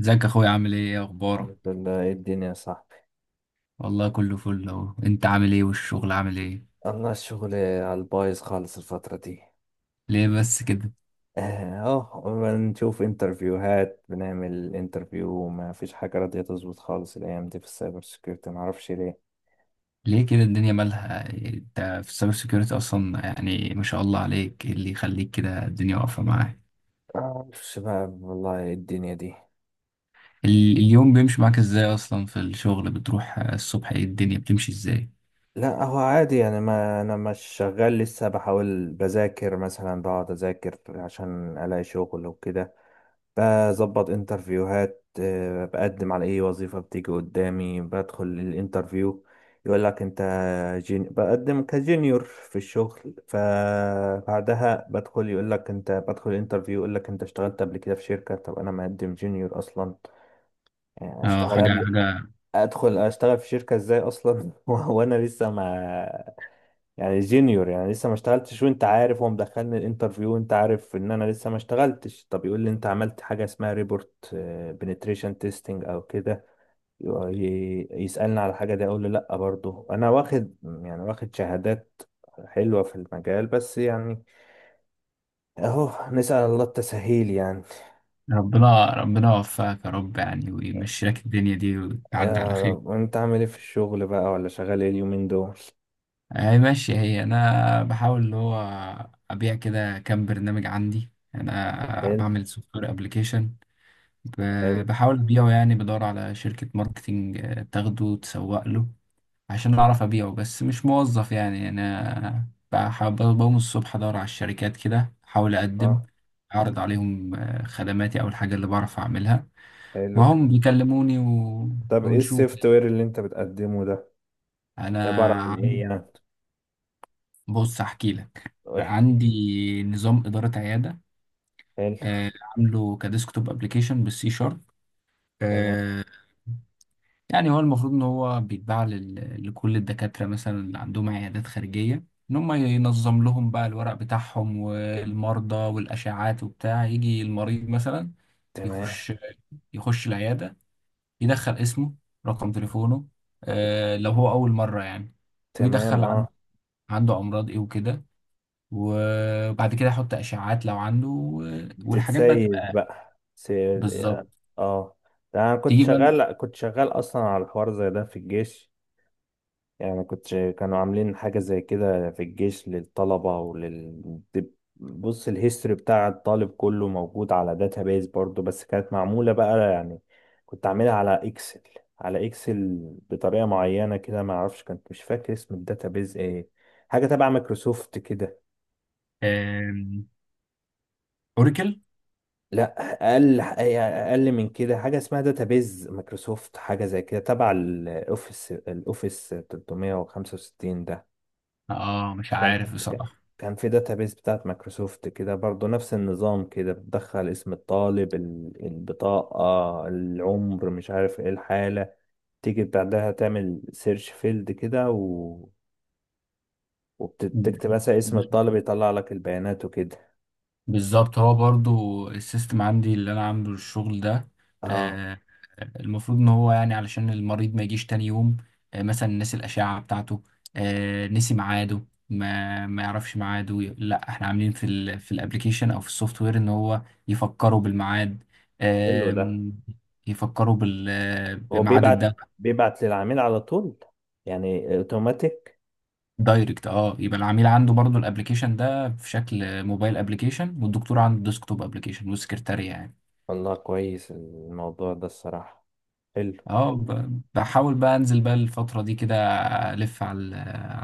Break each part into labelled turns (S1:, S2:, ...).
S1: ازيك يا اخويا، عامل ايه؟ ايه اخبارك؟
S2: الحمد لله. إيه الدنيا يا صاحبي؟
S1: والله كله فل اهو. انت عامل ايه؟ والشغل عامل ايه؟
S2: الله، الشغل على البايظ خالص الفترة دي.
S1: ليه بس كده؟
S2: اه، بنشوف انترفيوهات، بنعمل انترفيو، ما فيش حاجة راضية تظبط خالص الأيام دي في السايبر سيكيورتي، معرفش ليه.
S1: ليه كده؟ الدنيا مالها؟ انت في السايبر سيكيورتي اصلا، يعني ما شاء الله عليك، ايه اللي يخليك كده الدنيا واقفه معاك؟
S2: معرفش بقى، والله إيه الدنيا دي.
S1: اليوم بيمشي معاك ازاي اصلا؟ في الشغل بتروح الصبح، ايه الدنيا بتمشي ازاي؟
S2: لا، هو عادي يعني، ما أنا مش شغال لسه، بحاول بذاكر مثلا، بقعد أذاكر عشان ألاقي شغل وكده. بظبط انترفيوهات، بقدم على اي وظيفة بتيجي قدامي، بدخل الانترفيو يقول لك انت، بقدم كجونيور في الشغل، فبعدها بدخل يقول لك انت، بدخل الانترفيو يقول لك انت اشتغلت قبل كده في شركة، طب انا مقدم جونيور اصلا.
S1: اه،
S2: اشتغل
S1: حاجه
S2: قبل،
S1: حاجه.
S2: ادخل اشتغل في شركة ازاي اصلا؟ وانا لسه ما، يعني جينيور، يعني لسه ما اشتغلتش، وانت عارف، هو مدخلني الانترفيو وانت عارف ان انا لسه ما اشتغلتش، طب يقول لي انت عملت حاجه اسمها ريبورت بنتريشن تيستنج او كده، يسالني على حاجه دي، اقول له لا، برضه انا واخد يعني واخد شهادات حلوه في المجال، بس يعني اهو، نسال الله التسهيل يعني.
S1: ربنا ربنا يوفقك يا رب يعني، ويمشي لك الدنيا دي وتعدي على خير.
S2: وانت عامل ايه في الشغل بقى، ولا شغال ايه اليومين دول؟
S1: هي ماشية هي. أنا بحاول اللي هو أبيع كده كام برنامج عندي. أنا
S2: حلو.
S1: بعمل سوفت وير أبليكيشن،
S2: حلو.
S1: بحاول أبيعه يعني، بدور على شركة ماركتينج تاخده تسوق له عشان أعرف أبيعه، بس مش موظف يعني. أنا بقوم الصبح أدور على الشركات كده، أحاول
S2: اه.
S1: أقدم، أعرض عليهم خدماتي أو الحاجة اللي بعرف أعملها،
S2: حلو
S1: وهم
S2: الكلام ده.
S1: بيكلموني
S2: طب ايه
S1: ونشوف.
S2: السوفت وير اللي انت بتقدمه ده؟ عباره عن
S1: أنا
S2: ايه يعني؟
S1: بص احكي لك، عندي نظام إدارة عيادة،
S2: حلو.
S1: عامله كديسكتوب ابلكيشن بالسي شارب
S2: تمام.
S1: آه، يعني هو المفروض ان هو بيتباع لكل الدكاترة مثلا اللي عندهم عيادات خارجية، ان هم ينظم لهم بقى الورق بتاعهم والمرضى والاشعات وبتاع. يجي المريض مثلا
S2: تمام.
S1: يخش يخش العيادة، يدخل اسمه، رقم تليفونه، لو هو اول مرة يعني،
S2: تمام.
S1: ويدخل
S2: اه.
S1: عنده امراض ايه وكده، وبعد كده احط اشعاعات لو عنده والحاجات بقى
S2: بتتسيب
S1: تبقى
S2: بقى، سيب.
S1: بالظبط.
S2: اه. ده انا كنت
S1: تيجي بقى.
S2: شغال كنت شغال اصلا على حوار زي ده في الجيش، يعني كانوا عاملين حاجة زي كده في الجيش للطلبة بص، الهيستوري بتاع الطالب كله موجود على داتابيز برضو، بس كانت معمولة بقى يعني، كنت عاملها على اكسل، على اكسل بطريقة معينة كده، ما اعرفش، كنت مش فاكر اسم الداتابيز ايه، حاجة تبع مايكروسوفت كده.
S1: آم، اوراكل؟
S2: لا، اقل من كده، حاجه اسمها داتابيز مايكروسوفت، حاجه زي كده تبع الاوفيس 365 ده.
S1: اه، مش
S2: كان
S1: عارف بصراحه.
S2: كان في داتابيز بتاعت مايكروسوفت كده برضو، نفس النظام، كده بتدخل اسم الطالب، البطاقه، العمر، مش عارف ايه، الحاله، تيجي بعدها تعمل سيرش فيلد كده وبتكتب مثلا اسم الطالب، يطلع لك البيانات وكده.
S1: بالظبط، هو برضو السيستم عندي اللي انا عامله الشغل ده.
S2: اه.
S1: آه، المفروض ان هو يعني علشان المريض ما يجيش تاني يوم، مثلا نسي الاشعه بتاعته، نسي ميعاده، ما يعرفش ميعاده، لا احنا عاملين في الابليكيشن او في السوفت وير ان هو يفكروا بالميعاد.
S2: حلو ده.
S1: آم، يفكروا
S2: هو
S1: بميعاد
S2: بيبعت
S1: الدواء.
S2: بيبعت للعميل على طول، يعني اوتوماتيك.
S1: دايركت، اه. يبقى العميل عنده برضو الابليكيشن ده في شكل موبايل ابليكيشن، والدكتور عنده ديسكتوب ابليكيشن، والسكرتارية يعني.
S2: والله كويس الموضوع ده الصراحة. حلو.
S1: اه، بحاول بقى انزل بقى الفترة دي كده، الف على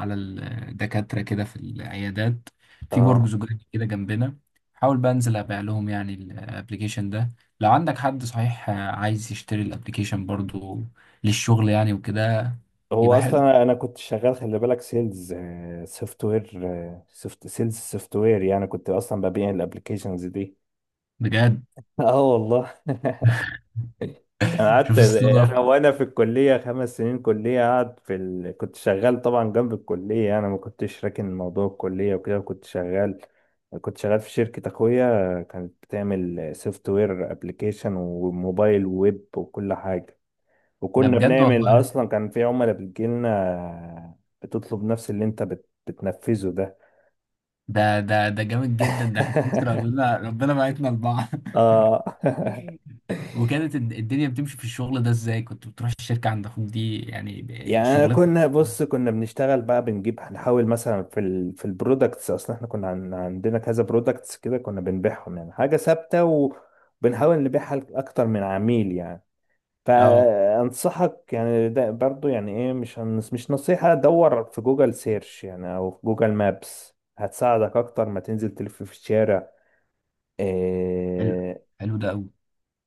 S1: على الدكاترة كده في العيادات، في
S2: اه.
S1: برج زجاجي كده جنبنا. حاول بقى انزل ابيع لهم يعني الابليكيشن ده. لو عندك حد صحيح عايز يشتري الابليكيشن برضو للشغل يعني وكده،
S2: هو
S1: يبقى حلو
S2: اصلا انا كنت شغال، خلي بالك، سيلز سوفت وير، سوفت سيلز سوفت وير، يعني كنت اصلا ببيع الابلكيشنز دي.
S1: بجد.
S2: اه والله انا
S1: شوف
S2: قعدت،
S1: الصدف.
S2: انا وانا في الكليه خمس سنين كليه، قاعد في كنت شغال طبعا جنب الكليه، انا ما كنتش راكن موضوع الكليه وكده، كنت شغال، كنت شغال في شركه اخويا كانت بتعمل سوفت وير ابلكيشن وموبايل ويب وكل حاجه،
S1: ده
S2: وكنا
S1: بجد
S2: بنعمل
S1: والله.
S2: اصلا، كان في عملاء بتجيلنا بتطلب نفس اللي انت بتنفذه ده.
S1: ده جامد جدا. ده احنا بص، ربنا ربنا بعتنا لبعض.
S2: اه
S1: وكانت الدنيا بتمشي في الشغل ده ازاي؟ كنت بتروح الشركة عند اخوك دي يعني
S2: يعني أنا،
S1: شغلتك.
S2: كنا بص كنا بنشتغل بقى، بنجيب هنحاول مثلا في البرودكتس، اصلا احنا كنا عن عندنا كذا برودكتس كده، كنا بنبيعهم يعني حاجه ثابته، وبنحاول نبيعها لاكتر من عميل يعني.
S1: اه،
S2: فانصحك يعني، ده برضو يعني ايه، مش نصيحه، دور في جوجل سيرش يعني، او في جوجل مابس، هتساعدك اكتر ما تنزل تلف في الشارع.
S1: حلو.
S2: إيه،
S1: حلو ده قوي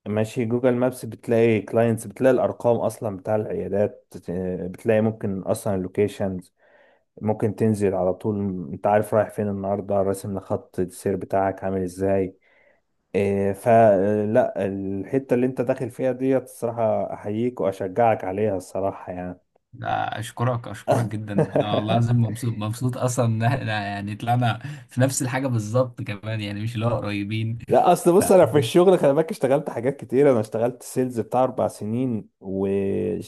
S2: ماشي، جوجل مابس بتلاقي كلاينتس، بتلاقي الارقام اصلا بتاع العيادات، بتلاقي ممكن اصلا اللوكيشن، ممكن تنزل على طول، انت عارف رايح فين النهارده، راسم خط السير بتاعك عامل ازاي. فلا، الحتة اللي انت داخل فيها ديت، الصراحة احييك واشجعك عليها الصراحة يعني.
S1: ده. اشكرك، اشكرك جدا. انا والله العظيم مبسوط، مبسوط اصلا ان احنا يعني طلعنا في نفس الحاجة بالظبط كمان، يعني مش اللي هو قريبين.
S2: لا، اصل
S1: ف-
S2: بص، انا في الشغل، خلي بالك اشتغلت حاجات كتير، انا اشتغلت سيلز بتاع اربع سنين،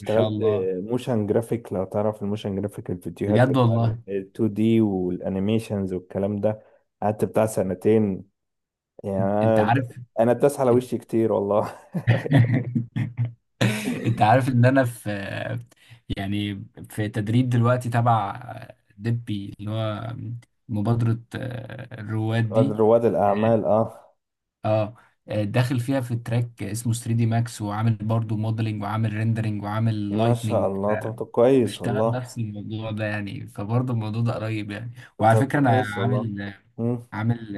S1: ما شاء الله.
S2: موشن جرافيك، لو تعرف الموشن جرافيك، الفيديوهات
S1: بجد
S2: بتاع ال
S1: والله؟
S2: 2 دي والانيميشنز والكلام ده، قعدت بتاع سنتين، يعني
S1: انت
S2: أنا،
S1: عارف.
S2: أنا الداس على وشي كتير والله.
S1: انت عارف ان انا في يعني في تدريب دلوقتي تبع دبي اللي هو مبادرة الرواد دي.
S2: رواد الأعمال أه.
S1: اه. داخل فيها في تراك اسمه 3 دي ماكس، وعامل برضو موديلنج، وعامل ريندرنج، وعامل
S2: ما شاء
S1: لايتنينج.
S2: الله. طب كويس
S1: بيشتغل
S2: والله.
S1: نفس الموضوع ده يعني، فبرضه الموضوع ده قريب يعني. وعلى
S2: طب
S1: فكرة انا
S2: كويس والله.
S1: عامل
S2: مم.
S1: عامل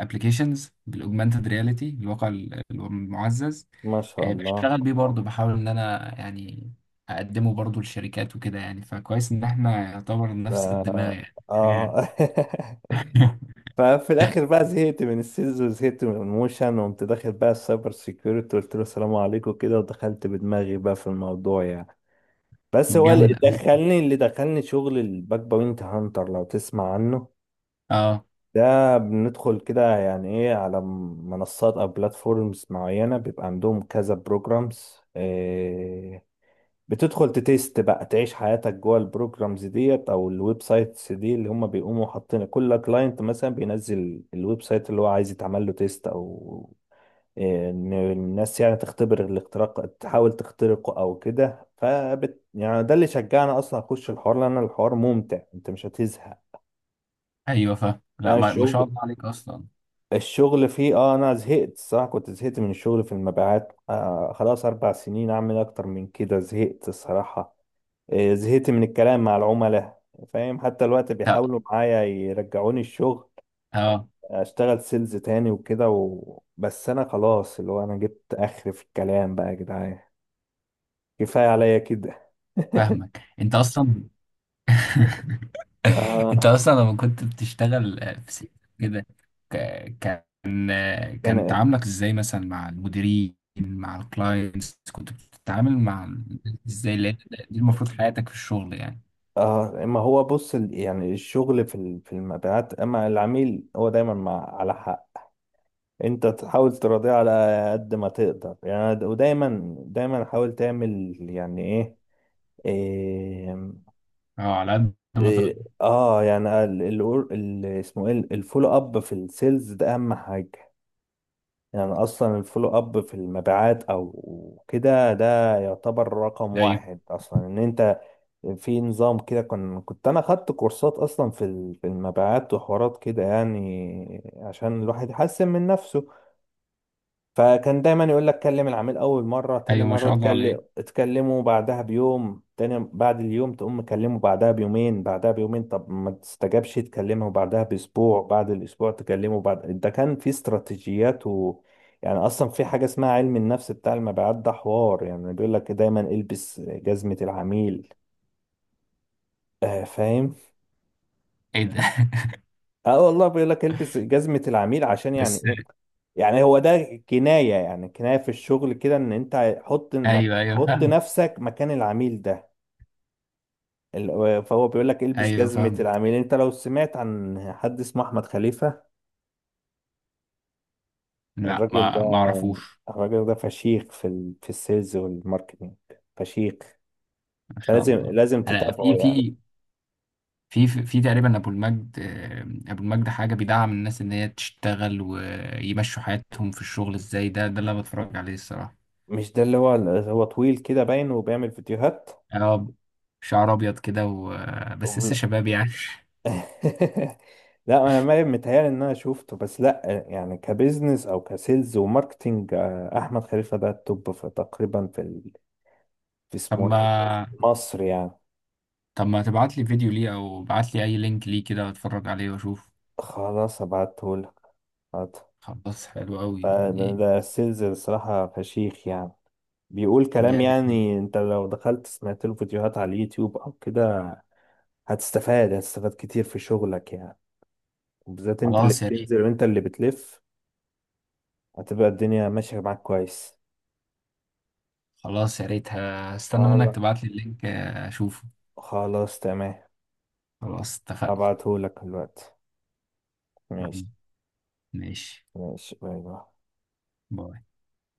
S1: ابلكيشنز بالاوجمانتد رياليتي، الواقع المعزز.
S2: ما شاء الله
S1: بشتغل بيه برضه، بحاول ان انا يعني اقدمه برضه للشركات وكده يعني. فكويس ان احنا يعتبر
S2: ده.
S1: نفس الدماغ يعني حاجة.
S2: آه ففي الآخر بقى زهقت من السيلز وزهقت من الموشن، وقمت داخل بقى السايبر سيكيورتي، قلت له السلام عليكم كده، ودخلت بدماغي بقى في الموضوع يعني. بس هو اللي
S1: جامد قوي.
S2: دخلني اللي دخلني شغل الباك بوينت هانتر، لو تسمع عنه.
S1: اه،
S2: ده بندخل كده يعني ايه، على منصات او بلاتفورمز معينة، بيبقى عندهم كذا بروجرامز، بتدخل تتست بقى، تعيش حياتك جوه البروجرامز ديت او الويب سايتس دي، اللي هم بيقوموا حاطين كل كلاينت مثلا بينزل الويب سايت اللي هو عايز يتعمل له تيست، او ان الناس يعني تختبر الاختراق، تحاول تخترقه او كده، فبت يعني ده اللي شجعنا اصلا اخش الحوار، لان الحوار ممتع، انت مش هتزهق،
S1: ايوه، فاهم. لا،
S2: فاهم
S1: ما، ما شاء
S2: الشغل.
S1: الله عليك اصلا.
S2: الشغل فيه اه، انا زهقت الصراحه، كنت زهقت من الشغل في المبيعات، خلاص اربع سنين، اعمل اكتر من كده، زهقت الصراحه، زهقت من الكلام مع العملاء، فاهم، حتى الوقت بيحاولوا معايا يرجعوني الشغل،
S1: اه،
S2: اشتغل سيلز تاني وكده بس انا خلاص، اللي هو انا جبت اخر في الكلام بقى يا جدعان، كفايه عليا كده.
S1: فاهمك انت اصلا.
S2: آه.
S1: انت اصلا لما كنت بتشتغل في سيت كده، كان كان
S2: كان
S1: تعاملك ازاي مثلا مع المديرين، مع الكلاينتس كنت بتتعامل مع ازاي؟ لأن دي المفروض حياتك في الشغل يعني.
S2: ما هو بص، يعني الشغل في المبيعات، اما العميل هو دايما مع على حق، انت تحاول تراضيه على قد ما تقدر يعني، ودايما دايما حاول تعمل يعني ايه، إيه,
S1: اه، على قد ما تقدر.
S2: إيه اه يعني، اسمه ايه الفولو اب في السيلز ده، اهم حاجة يعني، اصلا الفولو اب في المبيعات او كده، ده يعتبر رقم
S1: ايوه،
S2: واحد اصلا، ان انت في نظام كده، كنت انا خدت كورسات اصلا في المبيعات وحوارات كده، يعني عشان الواحد يحسن من نفسه، فكان دايما يقول لك، كلم العميل اول مره، تاني
S1: ايوه، ما
S2: مره
S1: شاء الله عليك.
S2: تكلمه بعدها بيوم، تاني بعد اليوم تقوم مكلمه بعدها بيومين، بعدها بيومين طب ما تستجابش تكلمه بعدها باسبوع، بعد الاسبوع تكلمه بعد، ده كان في استراتيجيات يعني اصلا في حاجه اسمها علم النفس بتاع المبيعات، ده حوار يعني بيقول لك دايما، البس جزمه العميل. آه، فاهم.
S1: ايه ده؟
S2: اه والله، بيقول لك البس جزمة العميل، عشان يعني
S1: بس.
S2: ايه، يعني هو ده كناية، يعني كناية في الشغل كده، ان انت حط
S1: ايوه، ايوه،
S2: حط
S1: فاهمك.
S2: نفسك مكان العميل ده، فهو بيقول لك البس
S1: ايوه،
S2: جزمة
S1: فاهمك.
S2: العميل. انت لو سمعت عن حد اسمه احمد خليفة،
S1: لا،
S2: الراجل
S1: ما
S2: ده،
S1: اعرفوش.
S2: الراجل ده فشيخ في السيلز والماركتينج، فشيخ،
S1: ما شاء
S2: لازم
S1: الله.
S2: لازم
S1: انا
S2: تتابعه
S1: في
S2: يعني.
S1: في في في تقريبا ابو المجد، ابو المجد، حاجه بيدعم الناس ان هي تشتغل ويمشوا حياتهم في الشغل ازاي. ده اللي انا بتفرج عليه الصراحه.
S2: مش ده اللي هو، هو طويل كده باين وبيعمل فيديوهات؟
S1: اه، شعر ابيض كده بس لسه شباب يعني.
S2: لا، انا ما متهيألي ان انا شفته، بس لا يعني كبزنس او كسيلز وماركتينج، احمد خليفه ده التوب في تقريبا، في
S1: طب
S2: اسمه ايه ده؟
S1: ما
S2: مصر يعني.
S1: طب ما تبعت لي فيديو ليه؟ او ابعت لي اي لينك ليه كده، اتفرج عليه واشوف.
S2: خلاص ابعته لك.
S1: خلاص، حلو قوي
S2: ده
S1: يعني.
S2: ده السيلز الصراحه، فشيخ يعني، بيقول كلام،
S1: جامد جدا.
S2: يعني انت لو دخلت سمعت له فيديوهات على اليوتيوب او كده هتستفاد، كتير في شغلك يعني، وبالذات انت اللي
S1: خلاص يا ريت
S2: بتنزل وانت اللي بتلف، هتبقى الدنيا ماشيه معاك كويس.
S1: خلاص يا ريت هستنى منك
S2: خلاص.
S1: تبعت لي اللينك اشوفه.
S2: خلاص. تمام.
S1: خلاص، اتفقنا.
S2: هبعتهولك دلوقتي. ماشي.
S1: ماشي،
S2: ماشي. باي باي.
S1: باي.